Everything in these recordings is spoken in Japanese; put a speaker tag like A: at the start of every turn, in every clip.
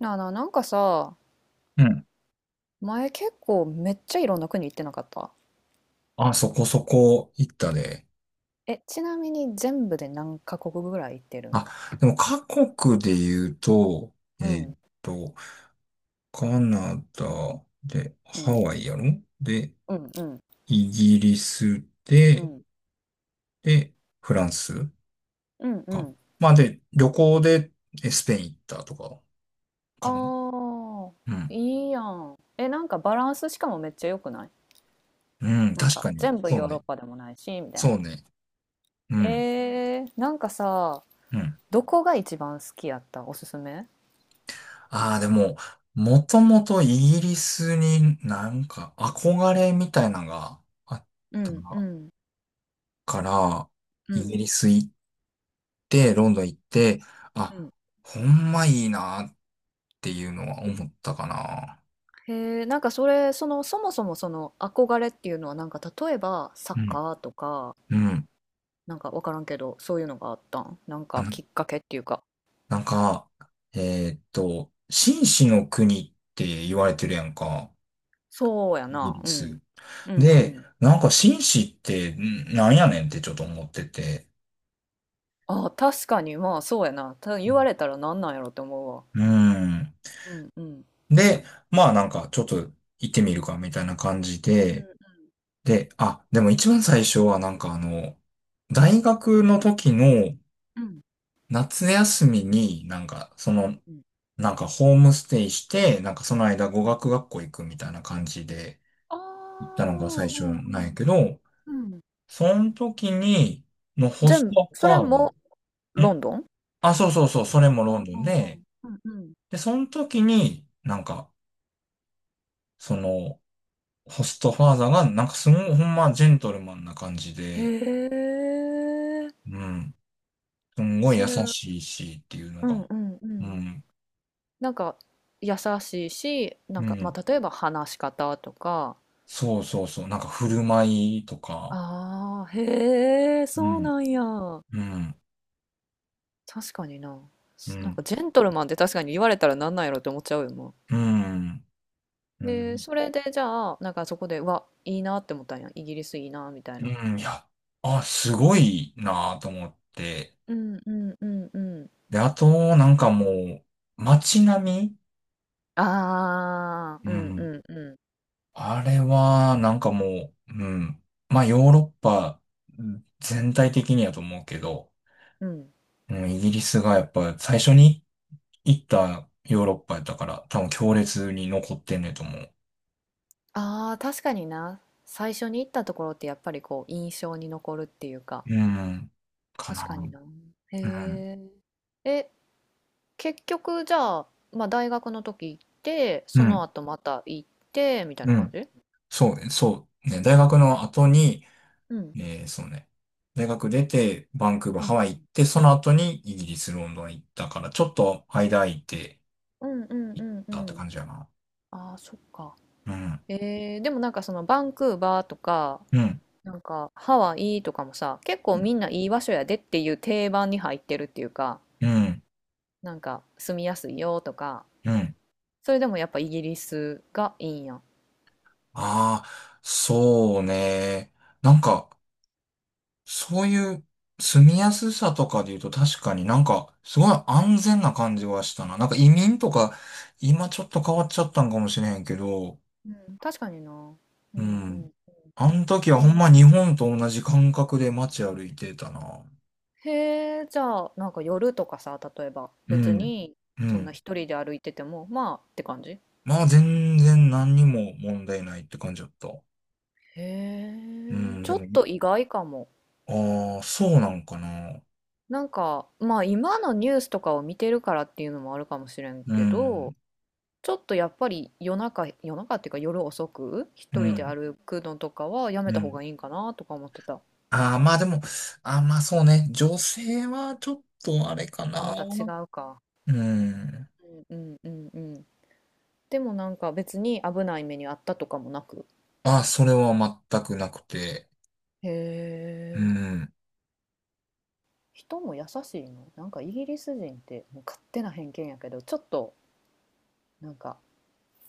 A: なあなあ、なんかさ、
B: うん。
A: 前結構めっちゃいろんな国行ってなかった？
B: あ、そこそこ行ったね。
A: え、ちなみに全部で何カ国ぐらい行ってるん？
B: あ、でも各国で言うと、え
A: う
B: ー
A: ん、
B: っと、カナダで、
A: う
B: ハ
A: ん、
B: ワイやろ。で、
A: うん、うん、
B: イギリス
A: う
B: で、
A: ん、
B: で、フランス
A: うん、う
B: か。
A: ん。
B: まあで、旅行でスペイン行ったとか、かな。
A: ああ、
B: うん。
A: いいやん。え、なんかバランスしかもめっちゃ良くない？
B: うん、
A: なん
B: 確
A: か
B: かに。
A: 全部
B: そう
A: ヨーロッ
B: ね。
A: パでもないし、みたいな。
B: そうね。うん。
A: えー、なんかさ、
B: うん。
A: どこが一番好きやった？おすすめ？
B: ああ、でも、もともとイギリスになんか憧れみたいなのがあっ
A: う
B: た
A: ん、う
B: な
A: ん、
B: から
A: う
B: イギ
A: ん、
B: リス行って、ロンドン行って、
A: うん、う
B: あ、
A: ん。
B: ほんまいいなっていうのは思ったかな。
A: へえ、なんかそれ、そもそもその憧れっていうのは、なんか例えばサッ
B: うん。
A: カーとか、
B: うん。
A: なんかわからんけど、そういうのがあったん？なん
B: あ
A: か
B: の、
A: きっかけっていうか、
B: なんか、紳士の国って言われてるやんか。
A: そうや
B: イギ
A: な、
B: リ
A: うん。
B: ス。
A: うんう
B: で、
A: ん。
B: なんか紳士ってんなんやねんってちょっと思ってて。
A: ああ、確かに、まあそうやな。ただ言
B: う
A: われたらなんなんやろって思うわ。
B: んうん。
A: うんうん。
B: で、まあなんかちょっと行ってみるかみたいな感じ
A: う
B: で、
A: ん
B: で、あ、でも一番最初はなんかあの、大学の時の
A: うん
B: 夏休みになんかそ
A: うん
B: の、
A: うん
B: なんかホームステイして、なんかその間
A: う
B: 語
A: ん。
B: 学学校行くみたいな感じで
A: あ
B: 行
A: あ、
B: っ
A: う
B: たのが
A: ん
B: 最初なんやけど、
A: うんうん。
B: その時に、のホス
A: 全部、
B: トフ
A: それ
B: ァーム。ん
A: もロンドン？
B: あ、そうそうそう、それも
A: は
B: ロン
A: ん
B: ド
A: は
B: ン
A: んは
B: で、
A: ん。うんうん。
B: で、その時になんか、その、ホストファーザーがなんかすごいほんまジェントルマンな感じで、
A: へえ、
B: うん。すんごい
A: そ
B: 優
A: れ、うん
B: しいしっていうの
A: う
B: が。
A: んう
B: う
A: ん。
B: ん。
A: なんか優しいし、なん
B: う
A: か、ま
B: ん。
A: あ、例えば話し方とか。
B: そうそうそう。なんか振る舞いとか。
A: ああ、へえ、
B: う
A: そう
B: ん。
A: なんや。
B: うん。
A: 確かにな。
B: う
A: なんか
B: ん。
A: ジェントルマンって確かに言われたらなんなんやろって思っちゃうよ、も
B: うん。
A: う。
B: う
A: で、
B: ん。
A: それでじゃあ、なんかそこで、うわ、いいなって思ったんや。イギリスいいな、みたい
B: う
A: な。
B: ん。いや、あ、すごいなぁと思って。
A: うんうんうんうん。
B: で、あと、なんかもう、街並
A: ああ、う
B: みう
A: んう
B: ん。
A: んう
B: あれは、なんかもう、うん。まあ、ヨーロッパ全体的にやと思うけど、
A: んうん。
B: うん、イギリスがやっぱ最初に行ったヨーロッパやったから、多分強烈に残ってんねんと思う。
A: ああ、確かにな。最初に行ったところってやっぱりこう印象に残るっていうか。
B: うん。か
A: 確
B: な。
A: かにな。へ
B: うん。
A: え。え、結局じゃあ、まあ、大学の時行って
B: う
A: その
B: ん。
A: 後また行ってみたい
B: う
A: な感
B: ん。
A: じ？
B: そうね。そう。ね。大学の後に、
A: うん
B: そうね。大学出て、バンクーバー、
A: う
B: ハ
A: ん
B: ワイ行って、その後にイギリス、ロンドン行ったから、ちょっと間空いて
A: うんうんうんう
B: たって
A: ん。
B: 感じやな。
A: ああそっか。
B: うん。
A: えー、でもなんかそのバンクーバーとか、
B: うん。
A: なんかハワイとかもさ、結構みんないい場所やでっていう定番に入ってるっていうか、
B: うん。
A: なんか住みやすいよとか。
B: うん。
A: それでもやっぱイギリスがいいんや？
B: ああ、そうね。なんか、そういう住みやすさとかで言うと確かになんかすごい安全な感じはしたな。なんか移民とか今ちょっと変わっちゃったんかもしれへんけど、
A: うん、うん、確かにな、う
B: う
A: んう
B: ん。
A: ん。
B: あの時は
A: そ
B: ほ
A: ん
B: んま日
A: な？
B: 本と同じ感覚で街歩いてたな。
A: へえ、じゃあ、なんか夜とかさ、例えば、
B: う
A: 別
B: ん。
A: に、
B: う
A: そんな
B: ん。
A: 一人で歩いてても、まあって感じ？へ
B: まあ全然何にも問題ないって感じだった。う
A: え、
B: ん。
A: ち
B: で
A: ょ
B: も、
A: っと意外かも。
B: ああ、そうなんかな。
A: なんか、まあ今のニュースとかを見てるからっていうのもあるかもしれん
B: う
A: けど、
B: ん。
A: ちょっとやっぱり夜中、夜中っていうか夜遅く、
B: う
A: 一人で
B: ん。
A: 歩くのとかはやめ
B: う
A: た方
B: ん。
A: がいいんかなとか思ってた。
B: ああ、まあでも、ああ、まあそうね。女性はちょっとあれか
A: あ、
B: な。
A: また違うか。
B: うん。
A: うんうんうんうん。でもなんか別に危ない目にあったとかもなく。
B: あ、それは全くなくて。
A: へ
B: う
A: え。
B: ん。
A: 人も優しいの？なんかイギリス人ってもう勝手な偏見やけど、ちょっとなんか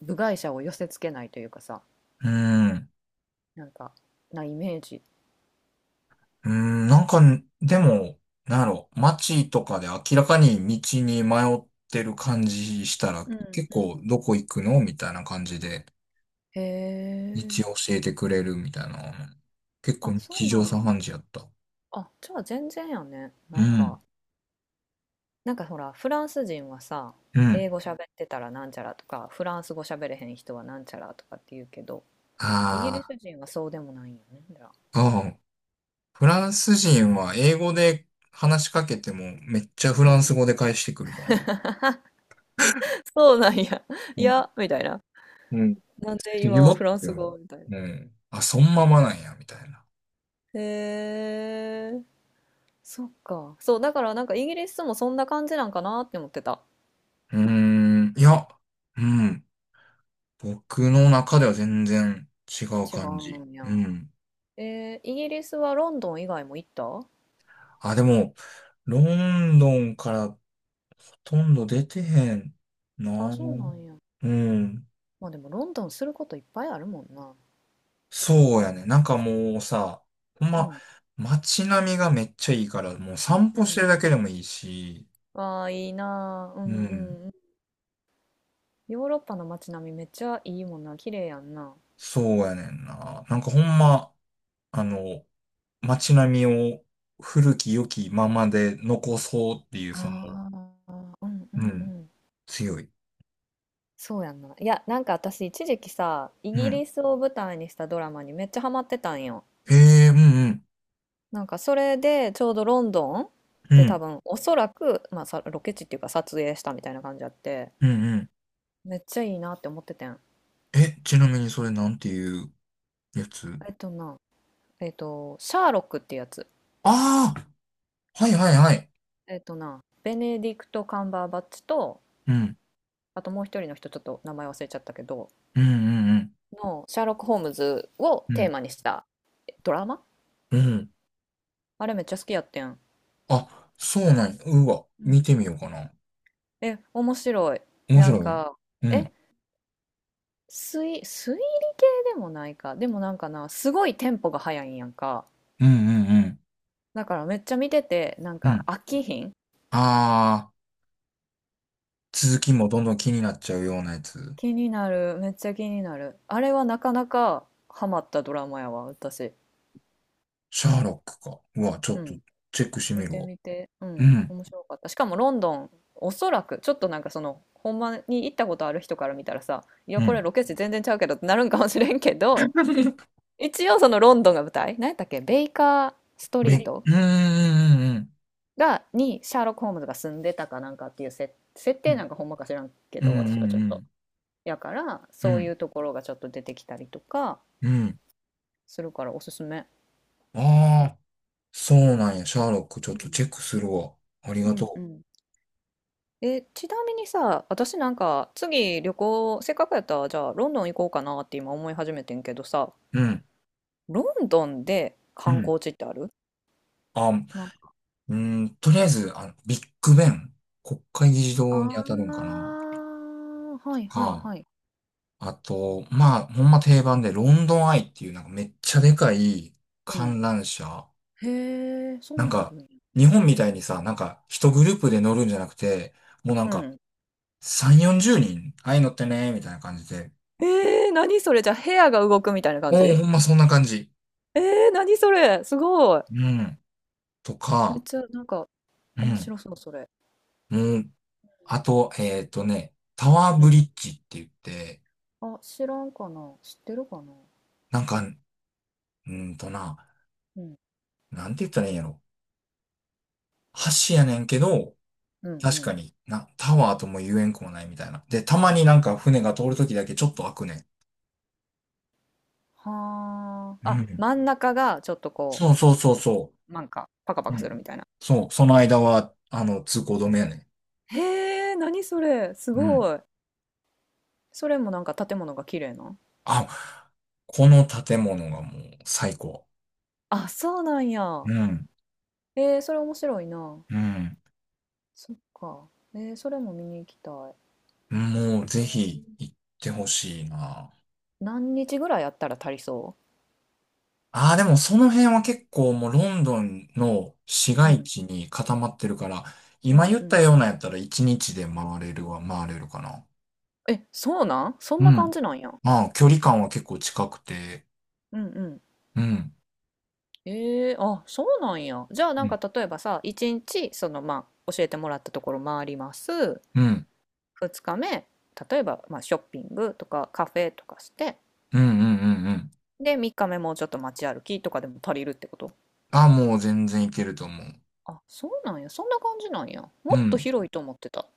A: 部外者を寄せつけないというかさ、
B: うん。
A: なんかなイメージ。
B: うん。なんか、でも、なんやろ、街とかで明らかに道に迷ってる感じしたら、
A: うん
B: 結
A: う
B: 構
A: ん。
B: どこ行くのみたいな感じで、
A: へ
B: 道
A: え。
B: 教えてくれるみたいな。結構
A: あそう
B: 日
A: な
B: 常
A: ん
B: 茶
A: や。
B: 飯事やった。
A: あじゃあ全然やね。な
B: う
A: ん
B: ん。
A: かなんかほらフランス人はさ、
B: うん。
A: 英語喋ってたらなんちゃらとか、フランス語喋れへん人はなんちゃらとかって言うけど、イギリ
B: あ
A: ス人はそうでもないんやねじゃあ。
B: あ、うん。フランス人は英語で話しかけてもめっちゃフ
A: う
B: ラン
A: ん。
B: ス語で返してくるからな。
A: そうなんや。いやみたいな。
B: うん。
A: なんで今
B: よ
A: フラ
B: っ
A: ン
B: て
A: ス
B: 思
A: 語みたいな。
B: う。うん。あ、そんままなんや、みたいな。
A: へえ、そっか。そう、だからなんかイギリスもそんな感じなんかなって思ってた。
B: うーん。いや、うん。僕の中では全然違う
A: 違
B: 感じ。
A: うんや。
B: うん。
A: えー、イギリスはロンドン以外も行った？
B: あ、でも、ロンドンからほとんど出てへん
A: あ、
B: な。
A: そうなんや。
B: うん。
A: まあでもロンドンすることいっぱいあるもんな。
B: そうやね。なんかもうさ、ほん
A: う
B: ま、
A: ん。
B: 街並みがめっちゃいいから、もう散
A: う
B: 歩して
A: ん。
B: るだけでもいいし、
A: ああ、いいなあ。う
B: う
A: んう
B: ん。
A: んうん。ヨーロッパの街並みめっちゃいいもんな。綺麗やんな。
B: そうやねんな。なんかほんま、あの、街並みを古き良きままで残そうっていう、
A: あ
B: その、
A: あ、うんう
B: う
A: んう
B: ん、
A: ん。
B: 強い。
A: そうやんな。いや、なんか私一時期さ、イ
B: う
A: ギ
B: ん。
A: リスを舞台にしたドラマにめっちゃハマってたんよ。
B: ええうんうん。
A: なんかそれでちょうどロンドン
B: う
A: で、多
B: ん。
A: 分おそらく、まあ、さロケ地っていうか撮影したみたいな感じあって、
B: うんうん。
A: めっちゃいいなって思っててん。
B: え、ちなみにそれなんていうやつ。
A: えっとな、シャーロックってやつ。
B: ああー、はいはいはい。
A: えっとな、ベネディクト・カンバーバッチと、
B: うん。
A: あともう一人の人ちょっと名前忘れちゃったけど
B: うんうん
A: のシャーロック・ホームズを
B: う
A: テー
B: ん。
A: マにしたドラマ。
B: うん。うん。
A: あれめっちゃ好きやってん、
B: あ、そうなんや。うわ、
A: う
B: 見
A: ん。
B: てみようかな。
A: え、面白い？
B: 面
A: なん
B: 白い。
A: か、
B: う
A: え、
B: ん。
A: 推理系でもないか、でもなんかなすごいテンポが速いんやんか、
B: うんうんうん。
A: だからめっちゃ見てて、なん
B: うん。
A: か
B: あ
A: 飽きひん。
B: あ、続きもどんどん気になっちゃうようなやつ。
A: 気になる。めっちゃ気になる。あれはなかなかハマったドラマやわ、私。
B: シャーロックか。うわ、ちょ
A: う
B: っと
A: ん。
B: チェックして
A: 見
B: みる
A: て
B: わ。
A: みて。う
B: う
A: ん。
B: ん。
A: 面白かった。しかもロンドン、おそらく、ちょっとなんかその、ほんまに行ったことある人から見たらさ、いや、
B: う
A: これ
B: ん。
A: ロケ地全然ちゃうけどってなるんかもしれんけど、一応そのロンドンが舞台、何やったっけ、ベイカーストリー
B: べ、
A: ト
B: うーん、
A: が、にシャーロック・ホームズが住んでたかなんかっていう設
B: う
A: 定、
B: ん、
A: なんかほんまか知らんけ
B: うん、
A: ど、私はちょっ
B: う
A: と。
B: ん、
A: やから、
B: うん、う
A: そ
B: ん、う
A: うい
B: ん。
A: うところがちょっと出てきたりとか
B: うん
A: するからおすすめ。
B: ああー、そうなんや。シャーロック、ちょっ
A: う
B: とチ
A: ん
B: ェックするわ。あり
A: う
B: が
A: んう
B: と
A: ん。え、ちなみにさ、私なんか次旅行、せっかくやったらじゃあロンドン行こうかなって今思い始めてんけどさ、
B: う。うん、
A: ロンドンで
B: う
A: 観
B: ん。
A: 光地ってある？
B: あ、う
A: なんか、
B: ーん、とりあえず、あの、ビッグベン、国会議事
A: あ
B: 堂に当たるんかな。
A: ー、
B: と
A: はいはい
B: か、
A: はい。
B: あと、まあ、ほんま定番で、ロンドンアイっていう、なんかめっちゃでかい
A: うん。
B: 観覧車。
A: へえ、そ
B: な
A: ん
B: ん
A: なんある
B: か、
A: んや。
B: 日本みたいにさ、なんか、一グループで乗るんじゃなくて、もうなん
A: う
B: か、
A: ん。
B: 3、40人ああいうのってね、みたいな感じで。
A: えー、何それ？じゃあ部屋が動くみたいな感
B: もう
A: じ？
B: ほんまそんな感じ。
A: えー、何それすごい。
B: うん。と
A: めっ
B: か、
A: ちゃなんか
B: う
A: 面
B: ん。
A: 白そうそれ。
B: もう、あと、タワー
A: う
B: ブ
A: ん。
B: リッジって言って、
A: あ、知らんかな。知ってるかな。
B: なんか、うーんとな、
A: うん。
B: なんて言ったらいいんやろ。橋やねんけど、
A: うんう
B: 確か
A: ん。
B: にな、タワーとも言えんくもないみたいな。で、たまになんか船が通るときだけちょっと開くねん。
A: は
B: う
A: あ。あ、
B: ん。
A: 真ん中がちょっとこ
B: そうそうそうそ
A: う、なんか、パカパ
B: う。う
A: カするみ
B: ん。
A: たいな。
B: そう、その間は、あの、通行止めやね
A: へえ、何それ。す
B: ん。うん。
A: ごい。それもなんか建物が綺麗な。
B: あ、この建物がもう最高。
A: あ、そうなんや。
B: うん、
A: えー、それ面白いな。
B: うん。
A: そっか。えー、それも見に行きたい。
B: もうぜひ行ってほしいな。
A: 何日ぐらいやったら足りそ
B: ああ、でもその辺は結構もうロンドンの市
A: う？う
B: 街
A: ん、
B: 地に固まってるから、
A: う
B: 今
A: ん、
B: 言っ
A: う
B: た
A: ん。
B: ようなやったら1日で回れるは回れるかな。
A: え、そうなん、そん
B: う
A: な感
B: ん。
A: じなんや。
B: ああ、距離感は結構近くて、
A: うん、うん。
B: うん。
A: ええ、あ、そうなんや。じゃあな
B: う
A: んか
B: ん。
A: 例えばさ、1日そのまあ教えてもらったところ回ります。
B: うん。
A: 2日目、例えばまあショッピングとかカフェとかして、
B: うんうんうんうん。
A: で3日目もうちょっと街歩きとかでも足りるってこと。
B: ああ、もう全然いけると思う。
A: あ、そうなんや。そんな感じなんや。も
B: う
A: っと
B: ん。
A: 広いと思ってた。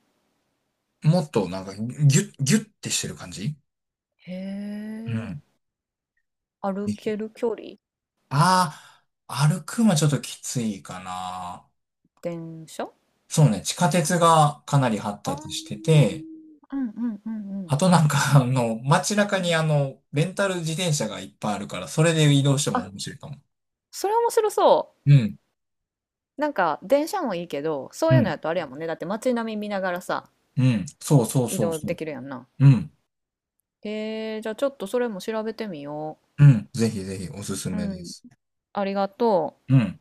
B: もっとなんかギュッ、ギュッてしてる感じ
A: へ
B: うん。
A: え。歩ける距離？
B: ああ、歩くんはちょっときついかな。
A: 電車？
B: そうね、地下鉄がかなり発
A: あー、
B: 達してて、
A: うんうんうんうん。
B: あとなんか、あの、街中
A: う
B: にあ
A: ん。
B: の、レンタル自転車がいっぱいあるから、それで移動しても
A: あ、
B: 面白いかも。
A: それ面白そ
B: うん、
A: う。なんか電車もいいけど、そう
B: う
A: いうの
B: ん、
A: やとあれやもんね。だって街並み見ながらさ、
B: うん、そうそう
A: 移
B: そう
A: 動
B: そ
A: で
B: う。
A: きるやんな。
B: うん、
A: えー、じゃあちょっとそれも調べてみよ
B: うん、ぜひぜひおすす
A: う。う
B: めで
A: ん。
B: す。
A: ありがとう。
B: うん。